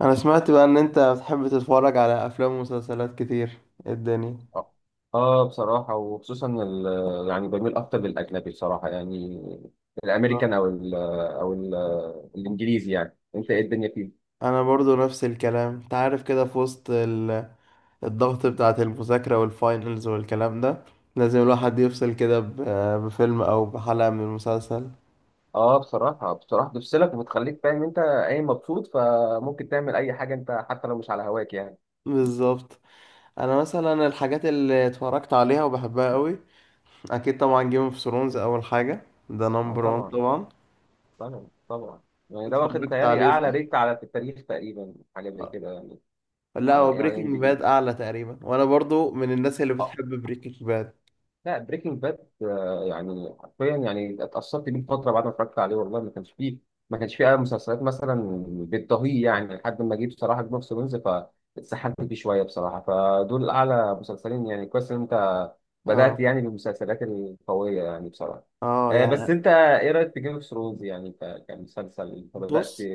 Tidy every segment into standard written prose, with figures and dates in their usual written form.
انا سمعت بقى ان انت بتحب تتفرج على افلام ومسلسلات كتير. إيه الدنيا؟ اه بصراحة وخصوصا يعني بميل أكتر للأجنبي بصراحة يعني. الأمريكان آه. أو الإنجليزي، يعني أنت إيه الدنيا فيه؟ انا برضو نفس الكلام. انت عارف كده، في وسط الضغط بتاعة المذاكرة والفاينلز والكلام ده، لازم الواحد يفصل كده بفيلم او بحلقة من المسلسل. آه، بصراحة بتفصلك وبتخليك فاهم أنت أي مبسوط، فممكن تعمل أي حاجة أنت حتى لو مش على هواك يعني. بالظبط. انا مثلا الحاجات اللي اتفرجت عليها وبحبها قوي، اكيد طبعا جيم اوف ثرونز اول حاجة، ده آه نمبر وان طبعا، طبعا. طبعا طبعا. يعني ده واخد اتفرجت بيتهيألي عليه، أعلى صح. ريت على، في التاريخ تقريبا، حاجة زي آه. كده يعني. لا، على ال هو بريكنج IMDb. باد اعلى تقريبا، وانا برضو من الناس اللي بتحب بريكنج باد. لا بريكنج باد يعني حرفيا، يعني اتأثرت بيه فترة بعد ما اتفرجت عليه. والله ما كانش فيه، أي مسلسلات مثلا بتضاهيه يعني، لحد ما جه بصراحة جيم اوف ثرونز، فاتسحلت فيه شوية بصراحة. فدول أعلى مسلسلين، يعني كويس إن أنت اه، بدأت يعني بالمسلسلات القوية يعني بصراحة. اه، بس يعني أنت إيه رأيك في جيم اوف ثرونز يعني كمسلسل أنت بدأت؟ بص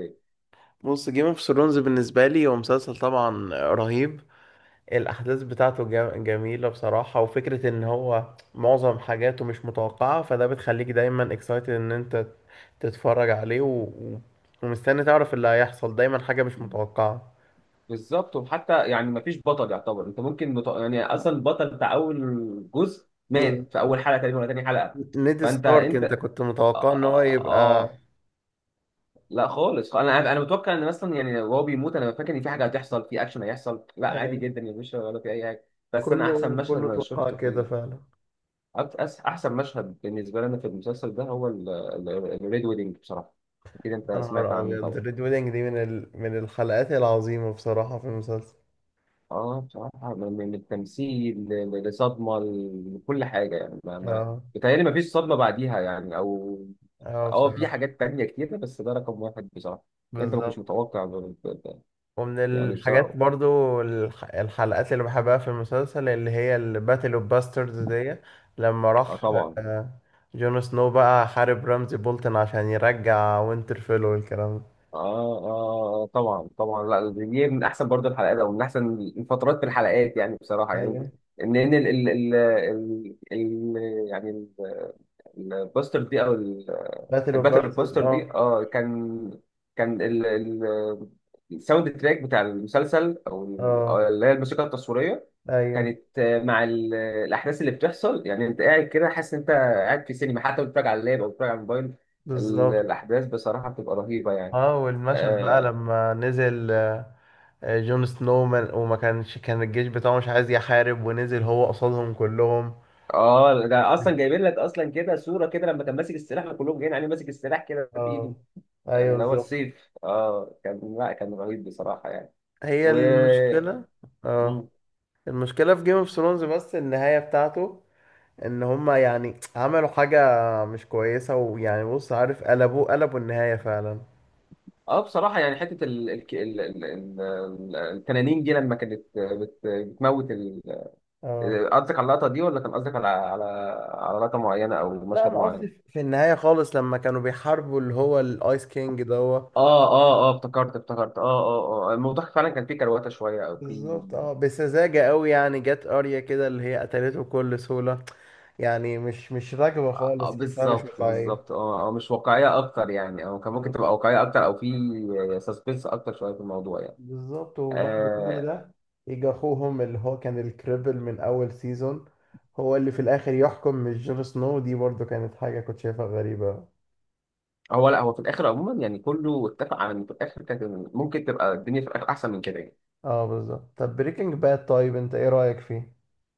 بص، جيم اوف ثرونز بالنسبه لي هو مسلسل طبعا رهيب. الاحداث بتاعته جميله بصراحه، وفكره ان هو معظم حاجاته مش متوقعه، فده بتخليك دايما اكسايتد ان انت تتفرج عليه ومستني تعرف اللي هيحصل، دايما حاجه مش متوقعه. بالظبط، وحتى يعني مفيش بطل يعتبر، انت ممكن يعني اصلا البطل بتاع اول جزء ب- مات في اول حلقه تقريبا ولا تاني حلقه. نيد فانت ستارك، انت انت آه, كنت متوقع ان هو آه, آه يبقى؟ آه. لا خالص، انا متوقع ان مثلا يعني وهو بيموت، انا فاكر ان في حاجه هتحصل، في اكشن هيحصل. لا، عادي أي. جدا يا باشا، ولا في اي حاجه. بس انا احسن كله مشهد كله انا توقع شفته في كده فعلا. احسن مشهد بالنسبه لنا في المسلسل ده هو الريد ويدنج بصراحه. اكيد انت يا سمعت نهار عنه ابيض، طبعا. الريد ويدنج دي من الحلقات العظيمه بصراحه في المسلسل. اه بصراحة، من التمثيل لصدمة، لكل حاجة يعني. ما اه، بيتهيألي ما فيش صدمة بعديها يعني، أو. اه، اه في بصراحة. حاجات تانية كتير بس ده رقم واحد بصراحة. أنت ما كنتش بالظبط. متوقع ب- ب- ومن يعني الحاجات بصراحة. برضو الحلقات اللي بحبها في المسلسل، اللي هي الباتل اوف باسترز دي. لما اه راح طبعا، آه، جون سنو بقى حارب رمزي بولتن عشان يرجع وينترفيل والكلام ده. اه اه طبعا طبعا. لا دي من أحسن برضه الحلقات، أو من أحسن الفترات في الحلقات يعني بصراحة يعني. ايوه. إن يعني البوستر دي، أو باتل اوف الباتل باسترز، كوستر اه. دي، اه كان، كان ال ال الساوند تراك بتاع المسلسل، أو اه، اللي هي الموسيقى التصويريه، ايوه، كانت مع الاحداث اللي بتحصل. يعني انت قاعد كده حاسس ان انت قاعد في سينما، حتى لو بتتفرج على اللاب او بتتفرج على الموبايل. بالظبط. الاحداث بصراحه بتبقى رهيبه يعني. اه، والمشهد بقى اه لما نزل جون سنو وما كانش كان الجيش بتاعه مش عايز يحارب، ونزل هو قصادهم كلهم. ده اصلا جايبين لك اصلا كده صوره كده، لما كان ماسك السلاح، كلهم جايين عليه ماسك السلاح كده بايده، اه، ايوه، اللي هو بالظبط. السيف. اه كان، لا كان رهيب بصراحه يعني. هي و المشكلة. اه، المشكلة في جيم اوف ثرونز بس النهاية بتاعته، ان هما يعني عملوا حاجة مش كويسة، ويعني بص، عارف، قلبوا النهاية فعلا. اه بصراحة يعني حتة التنانين دي لما كانت بتموت اه، قصدك على اللقطة دي، ولا كان قصدك على، على لقطة معينة أو لا، مشهد انا قصدي في معين؟ النهاية خالص لما كانوا بيحاربوا اللي هو الايس كينج دوت. اه اه اه، افتكرت. اه اه اه اه، الموضوع فعلا كان فيه كرواتة شوية، أو فيه. بالظبط، اه، بسذاجة قوي يعني. جت اريا كده اللي هي قتلته بكل سهولة، يعني مش راكبة آه آه، خالص، حاسها مش بالظبط واقعية. بالظبط، اه اه. مش واقعية أكتر يعني، أو كان ممكن تبقى واقعية أكتر، أو فيه سسبنس أكتر شوية في الموضوع يعني. بالظبط. وبعد كل آه. ده يجي اخوهم اللي هو كان الكريبل من اول سيزون، هو اللي في الاخر يحكم، مش جون سنو. دي برضو كانت حاجة كنت شايفها غريبة. هو لا، هو في الآخر عموما يعني كله اتفق على إن في الآخر كانت، ممكن تبقى الدنيا في الآخر أحسن من كده يعني. اه، بالظبط. طب بريكنج باد، طيب انت ايه رأيك فيه؟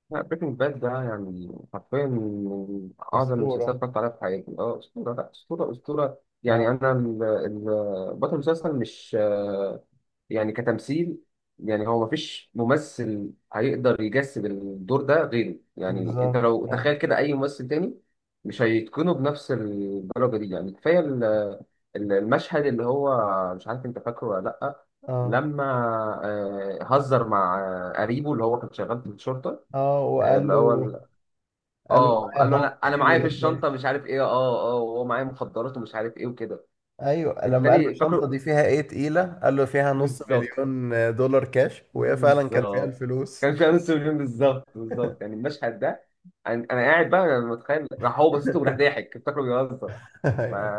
لا بريكنج باد ده يعني حرفيا من أعظم المسلسلات أسطورة. اتفرجت عليها في حياتي. أسطورة، لا أسطورة أسطورة، اه، يعني أنا بطل المسلسل مش يعني كتمثيل. يعني هو مفيش ممثل هيقدر يجسد الدور ده غيره. يعني أنت بالظبط. لو اه، تخيل كده أي ممثل تاني مش هيتقنه بنفس الدرجة دي يعني. كفاية المشهد اللي هو، مش عارف أنت فاكره ولا لأ، اه، لما هزر مع قريبه اللي هو كان شغال في الشرطة، اه، وقال اللي هو له قال له قال معايا له هاف انا مليون معايا في اللي الشنطه كاش. مش عارف ايه، وهو معايا مخدرات ومش عارف ايه وكده. ايوه، لما قال له التاني الشنطة فاكره، دي فيها ايه تقيلة، قال له فيها نص بالظبط مليون دولار كاش، وهي فعلا كان فيها بالظبط، الفلوس. كان فيها نص مليون. بالظبط بالظبط، يعني المشهد ده، انا، قاعد بقى انا متخيل، راح هو باصص له وراح ضاحك فاكره بيهزر. ف... أيوة.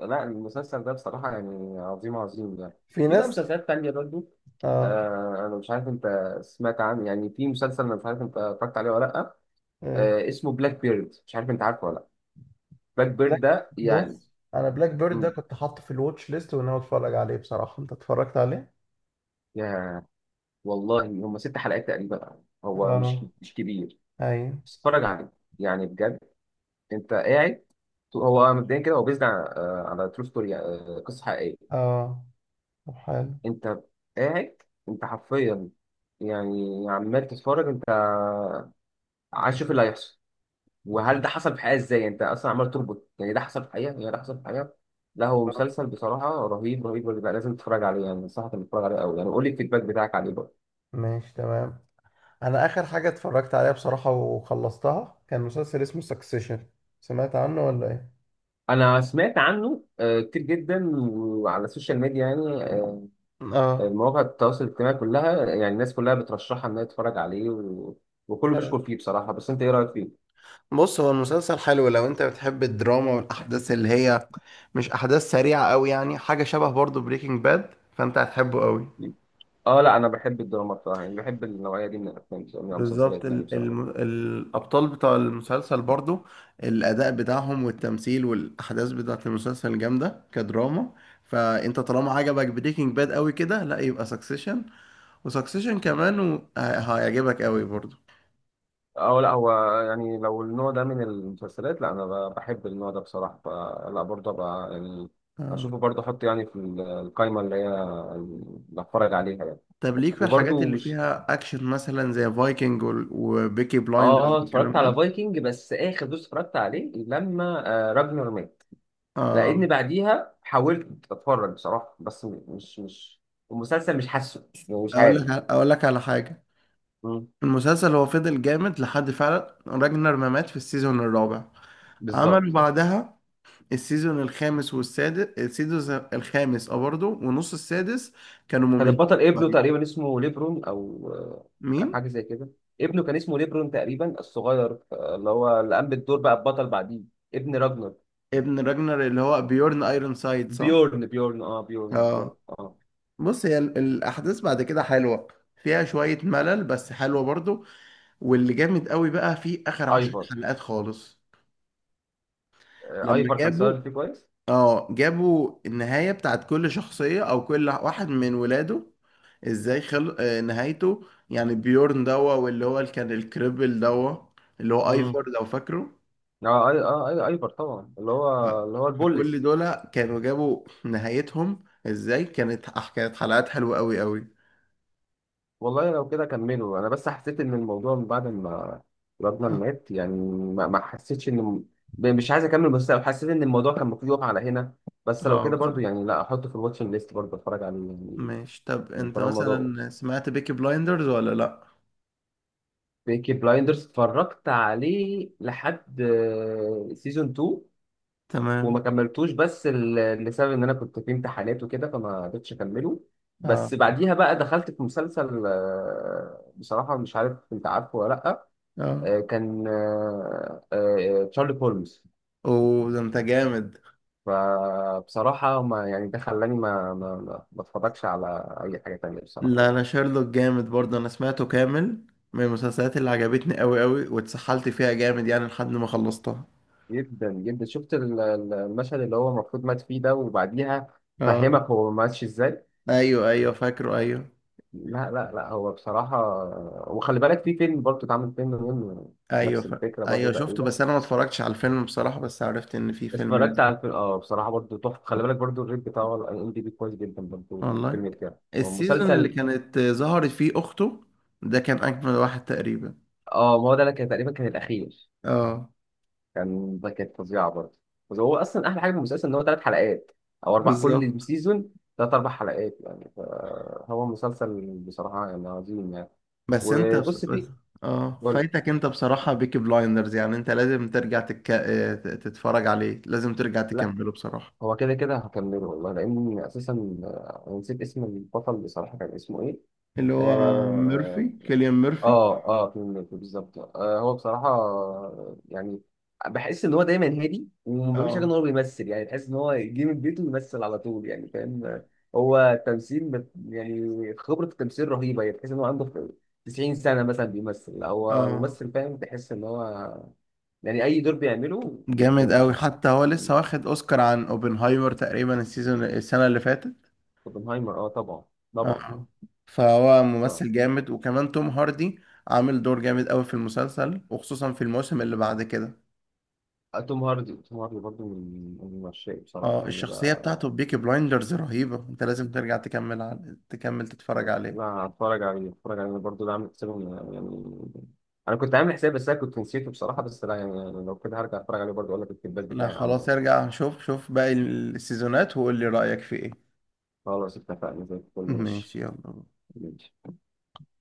لا المسلسل ده بصراحه يعني عظيم عظيم يعني. في في بقى ناس. مسلسلات تانية برضه. اه، انا مش عارف انت سمعت عنه، يعني في مسلسل انا مش عارف انت اتفرجت عليه ولا لا. ايه، اسمه بلاك بيرد، مش عارف انت عارفه ولا لا؟ باك بيرد بلاك ده يعني. بص انا بلاك بيرد ده مم. كنت حاطه في الواتش ليست، وان انا اتفرج عليه بصراحه. انت اتفرجت عليه؟ يا والله، هم 6 حلقات تقريبا، هو مش اه، مش كبير. ايوه. بس اتفرج عليه يعني بجد، انت قاعد. هو مبدئيا كده هو بيزد على ترو ستوري، قصه حقيقيه. اه، طب حلو. انت قاعد، انت حرفيا يعني عمال تتفرج، انت عايز تشوف اللي هيحصل، وهل ده حصل في الحقيقه ازاي. انت اصلا عمال تربط، يعني ده حصل في الحقيقه، يعني ده حصل في الحقيقه. لا هو مسلسل بصراحه رهيب رهيب رهيب. لازم تتفرج عليه يعني، انصحك انك تتفرج عليه قوي يعني، قول لي الفيدباك بتاعك عليه برضه. ماشي، تمام. انا اخر حاجه اتفرجت عليها بصراحه وخلصتها كان مسلسل اسمه سكسيشن. سمعت عنه ولا ايه؟ انا سمعت عنه كتير جدا، وعلى السوشيال ميديا يعني، اه، مواقع التواصل الاجتماعي كلها، يعني الناس كلها بترشحها انها تتفرج عليه، و... وكله بيشكر حلو. فيه بصراحة. بس انت ايه رأيك فيه؟ بص، هو المسلسل حلو لو انت بتحب الدراما والاحداث اللي هي مش احداث سريعة قوي، يعني حاجة شبه برضو بريكنج باد، فانت هتحبه قوي. اه لا، انا بحب الدراما بصراحة، يعني بحب النوعية دي من الافلام بصراحة، من بالظبط، المسلسلات يعني بصراحة. الأبطال بتاع المسلسل برضو، الأداء بتاعهم والتمثيل والأحداث بتاعة المسلسل جامدة كدراما، فأنت طالما عجبك بريكنج باد قوي كده، لا يبقى سكسيشن. وسكسيشن كمان هيعجبك قوي برضو. اه لا هو يعني، لو النوع ده من المسلسلات، لا انا بحب النوع ده بصراحة، فلا برضه بقى يعني آه. اشوفه برضه، احط يعني في القائمة اللي هي، اللي هتفرج عليها يعني. طب ليك في الحاجات وبرضه اللي مش فيها أكشن، مثلا زي فايكنج وبيكي بلايندرز اه والكلام اتفرجت على ده. فايكنج، بس اخر دوس اتفرجت عليه لما راجنر مات، آه. لان بعديها حاولت اتفرج بصراحه، بس مش المسلسل، مش حاسه يعني، مش عارف. أقول لك على حاجة. مم. المسلسل هو فضل جامد لحد فعلا راجنر ما مات في السيزون الرابع. عملوا بالظبط. بعدها السيزون الخامس والسادس. السيزون الخامس، اه، برضه، ونص السادس كانوا كان مملين. البطل ابنه طيب، تقريبا، اسمه ليبرون او مين؟ حاجه زي كده. ابنه كان اسمه ليبرون تقريبا، الصغير، اللي هو اللي قام بالدور بقى البطل بعديه، ابن راجنر. ابن راجنر اللي هو بيورن ايرون سايد، صح؟ بيورن، بيورن، اه بيورن، اه. بالظبط اه. بص، هي الاحداث بعد كده حلوه، فيها شويه ملل بس حلوه برضه. واللي جامد قوي بقى في اخر عشر ايفر حلقات خالص، آه لما ايفر كان جابوا. صغير فيه كويس. اه، جابوا النهاية بتاعت كل شخصية، او كل واحد من ولاده ازاي خل... آه، نهايته. يعني بيورن دوا، واللي هو اللي كان الكريبل دوا اللي هو ايفور لو فاكره. اه اي اه اي، ايفر طبعا، اللي ف- هو اللي هو فكل البوليس. دول كانوا جابوا نهايتهم ازاي. كانت حلقات حلوة قوي قوي. والله لو كده كملوا، انا بس حسيت ان الموضوع من بعد ما راجنر اه. مات يعني، ما حسيتش ان مش عايز اكمل، بس حسيت ان الموضوع كان المفروض يقف على هنا. بس لو آه، كده برضو بصراحة. يعني، لا احطه في الواتشنج ليست برضو، اتفرج عليه يعني. ماشي، طب من انت طالما ده، مثلا سمعت بيكي بلايندرز ولا لا؟ بيكي بلايندرز اتفرجت عليه لحد سيزون 2 تمام، وما كملتوش، بس لسبب ان انا كنت في امتحانات وكده، فما قدرتش اكمله. اه، بس بعديها بقى دخلت في مسلسل بصراحة، مش عارف انت عارفه ولا لأ، اه، كان تشارلي هولمز، اوه، ده انت جامد. فبصراحة ما يعني ده خلاني ما اتفرجش على أي حاجة تانية بصراحة لا، يعني. انا شارلوك جامد برضه، انا سمعته كامل، من المسلسلات اللي عجبتني قوي قوي واتسحلت فيها جامد يعني لحد ما خلصتها. جدا جدا، شفت المشهد اللي هو المفروض مات فيه ده، وبعديها اه، فهمك هو ما ماتش ازاي. ايوه، ايوه، فاكره، ايوه. لا لا لا، هو بصراحة، وخلي بالك في فيلم برضه، اتعمل فيلم منه، ايوه نفس الفكرة برضه ايوه شفته، تقريبا. بس انا ما اتفرجتش على الفيلم بصراحة، بس عرفت ان في فيلم اتفرجت نزل. على الفيلم اه بصراحة، برضه تحفة. خلي بالك برضه الريت بتاعه على ام دي بي كويس جدا برضه، في والله، الفيلم بتاعه السيزون اللي ومسلسل. كانت ظهرت فيه اخته ده كان اجمل واحد تقريبا. اه ما هو ده، أنا كان تقريبا كان الأخير، اه، كان ده كانت فظيعة برضه. بس هو أصلا أحلى حاجة في المسلسل إن هو 3 حلقات أو أربع كل بالظبط. سيزون، 3 4 حلقات يعني، فهو مسلسل بصراحة يعني عظيم يعني. بس انت بس... وبص بس... فيه. اه قول، فايتك انت بصراحة بيكي بلايندرز. يعني انت لازم ترجع تتفرج عليه. لازم ترجع تكمله بصراحة. هو كده كده هكمله والله، لأن أساسا أنا نسيت اسم البطل بصراحة، كان اسمه إيه؟ اللي هو آه كيليان ميرفي. آه آه، فيلم الكلب بالظبط. هو بصراحة يعني بحس إن هو دايما هادي وما بيعملش حاجة، إن اه، هو بيمثل يعني. تحس إن هو يجي من بيته ويمثل على طول، يعني فاهم؟ هو تمثيل يعني خبرة التمثيل رهيبة يعني، تحس إن هو عنده 90 سنة مثلا بيمثل، هو اه، ممثل فاهم، تحس إن هو يعني أي دور بيعمله جامد بيتقنه قوي بصراحة. حتى. هو لسه يعني، واخد اوسكار عن اوبنهايمر تقريبا السنه اللي فاتت. اوبنهايمر آه طبعا، طبعا. اه، فهو آه. ممثل جامد، وكمان توم هاردي عامل دور جامد قوي في المسلسل، وخصوصا في الموسم اللي بعد كده. توم هاردي، برضه من عشاقي بصراحة اه، يعني الشخصيه بقى. بتاعته بيكي بلايندرز رهيبه. انت لازم ترجع تكمل تتفرج لا، عليه. هتفرج عليه، هتفرج عليه برضه، ده عامل حسابي يعني. أنا كنت عامل حسابي، بس أنا كنت نسيته بصراحة. بس لا يعني لو كده هرجع أتفرج عليه برضه، أقول لك الفيدباك لا، بتاعي عامل خلاص، إيه. ارجع شوف شوف باقي السيزونات وقول لي رايك في ايه. خلاص اتفقنا زي الفل، ماشي. ماشي، يلا. ماشي.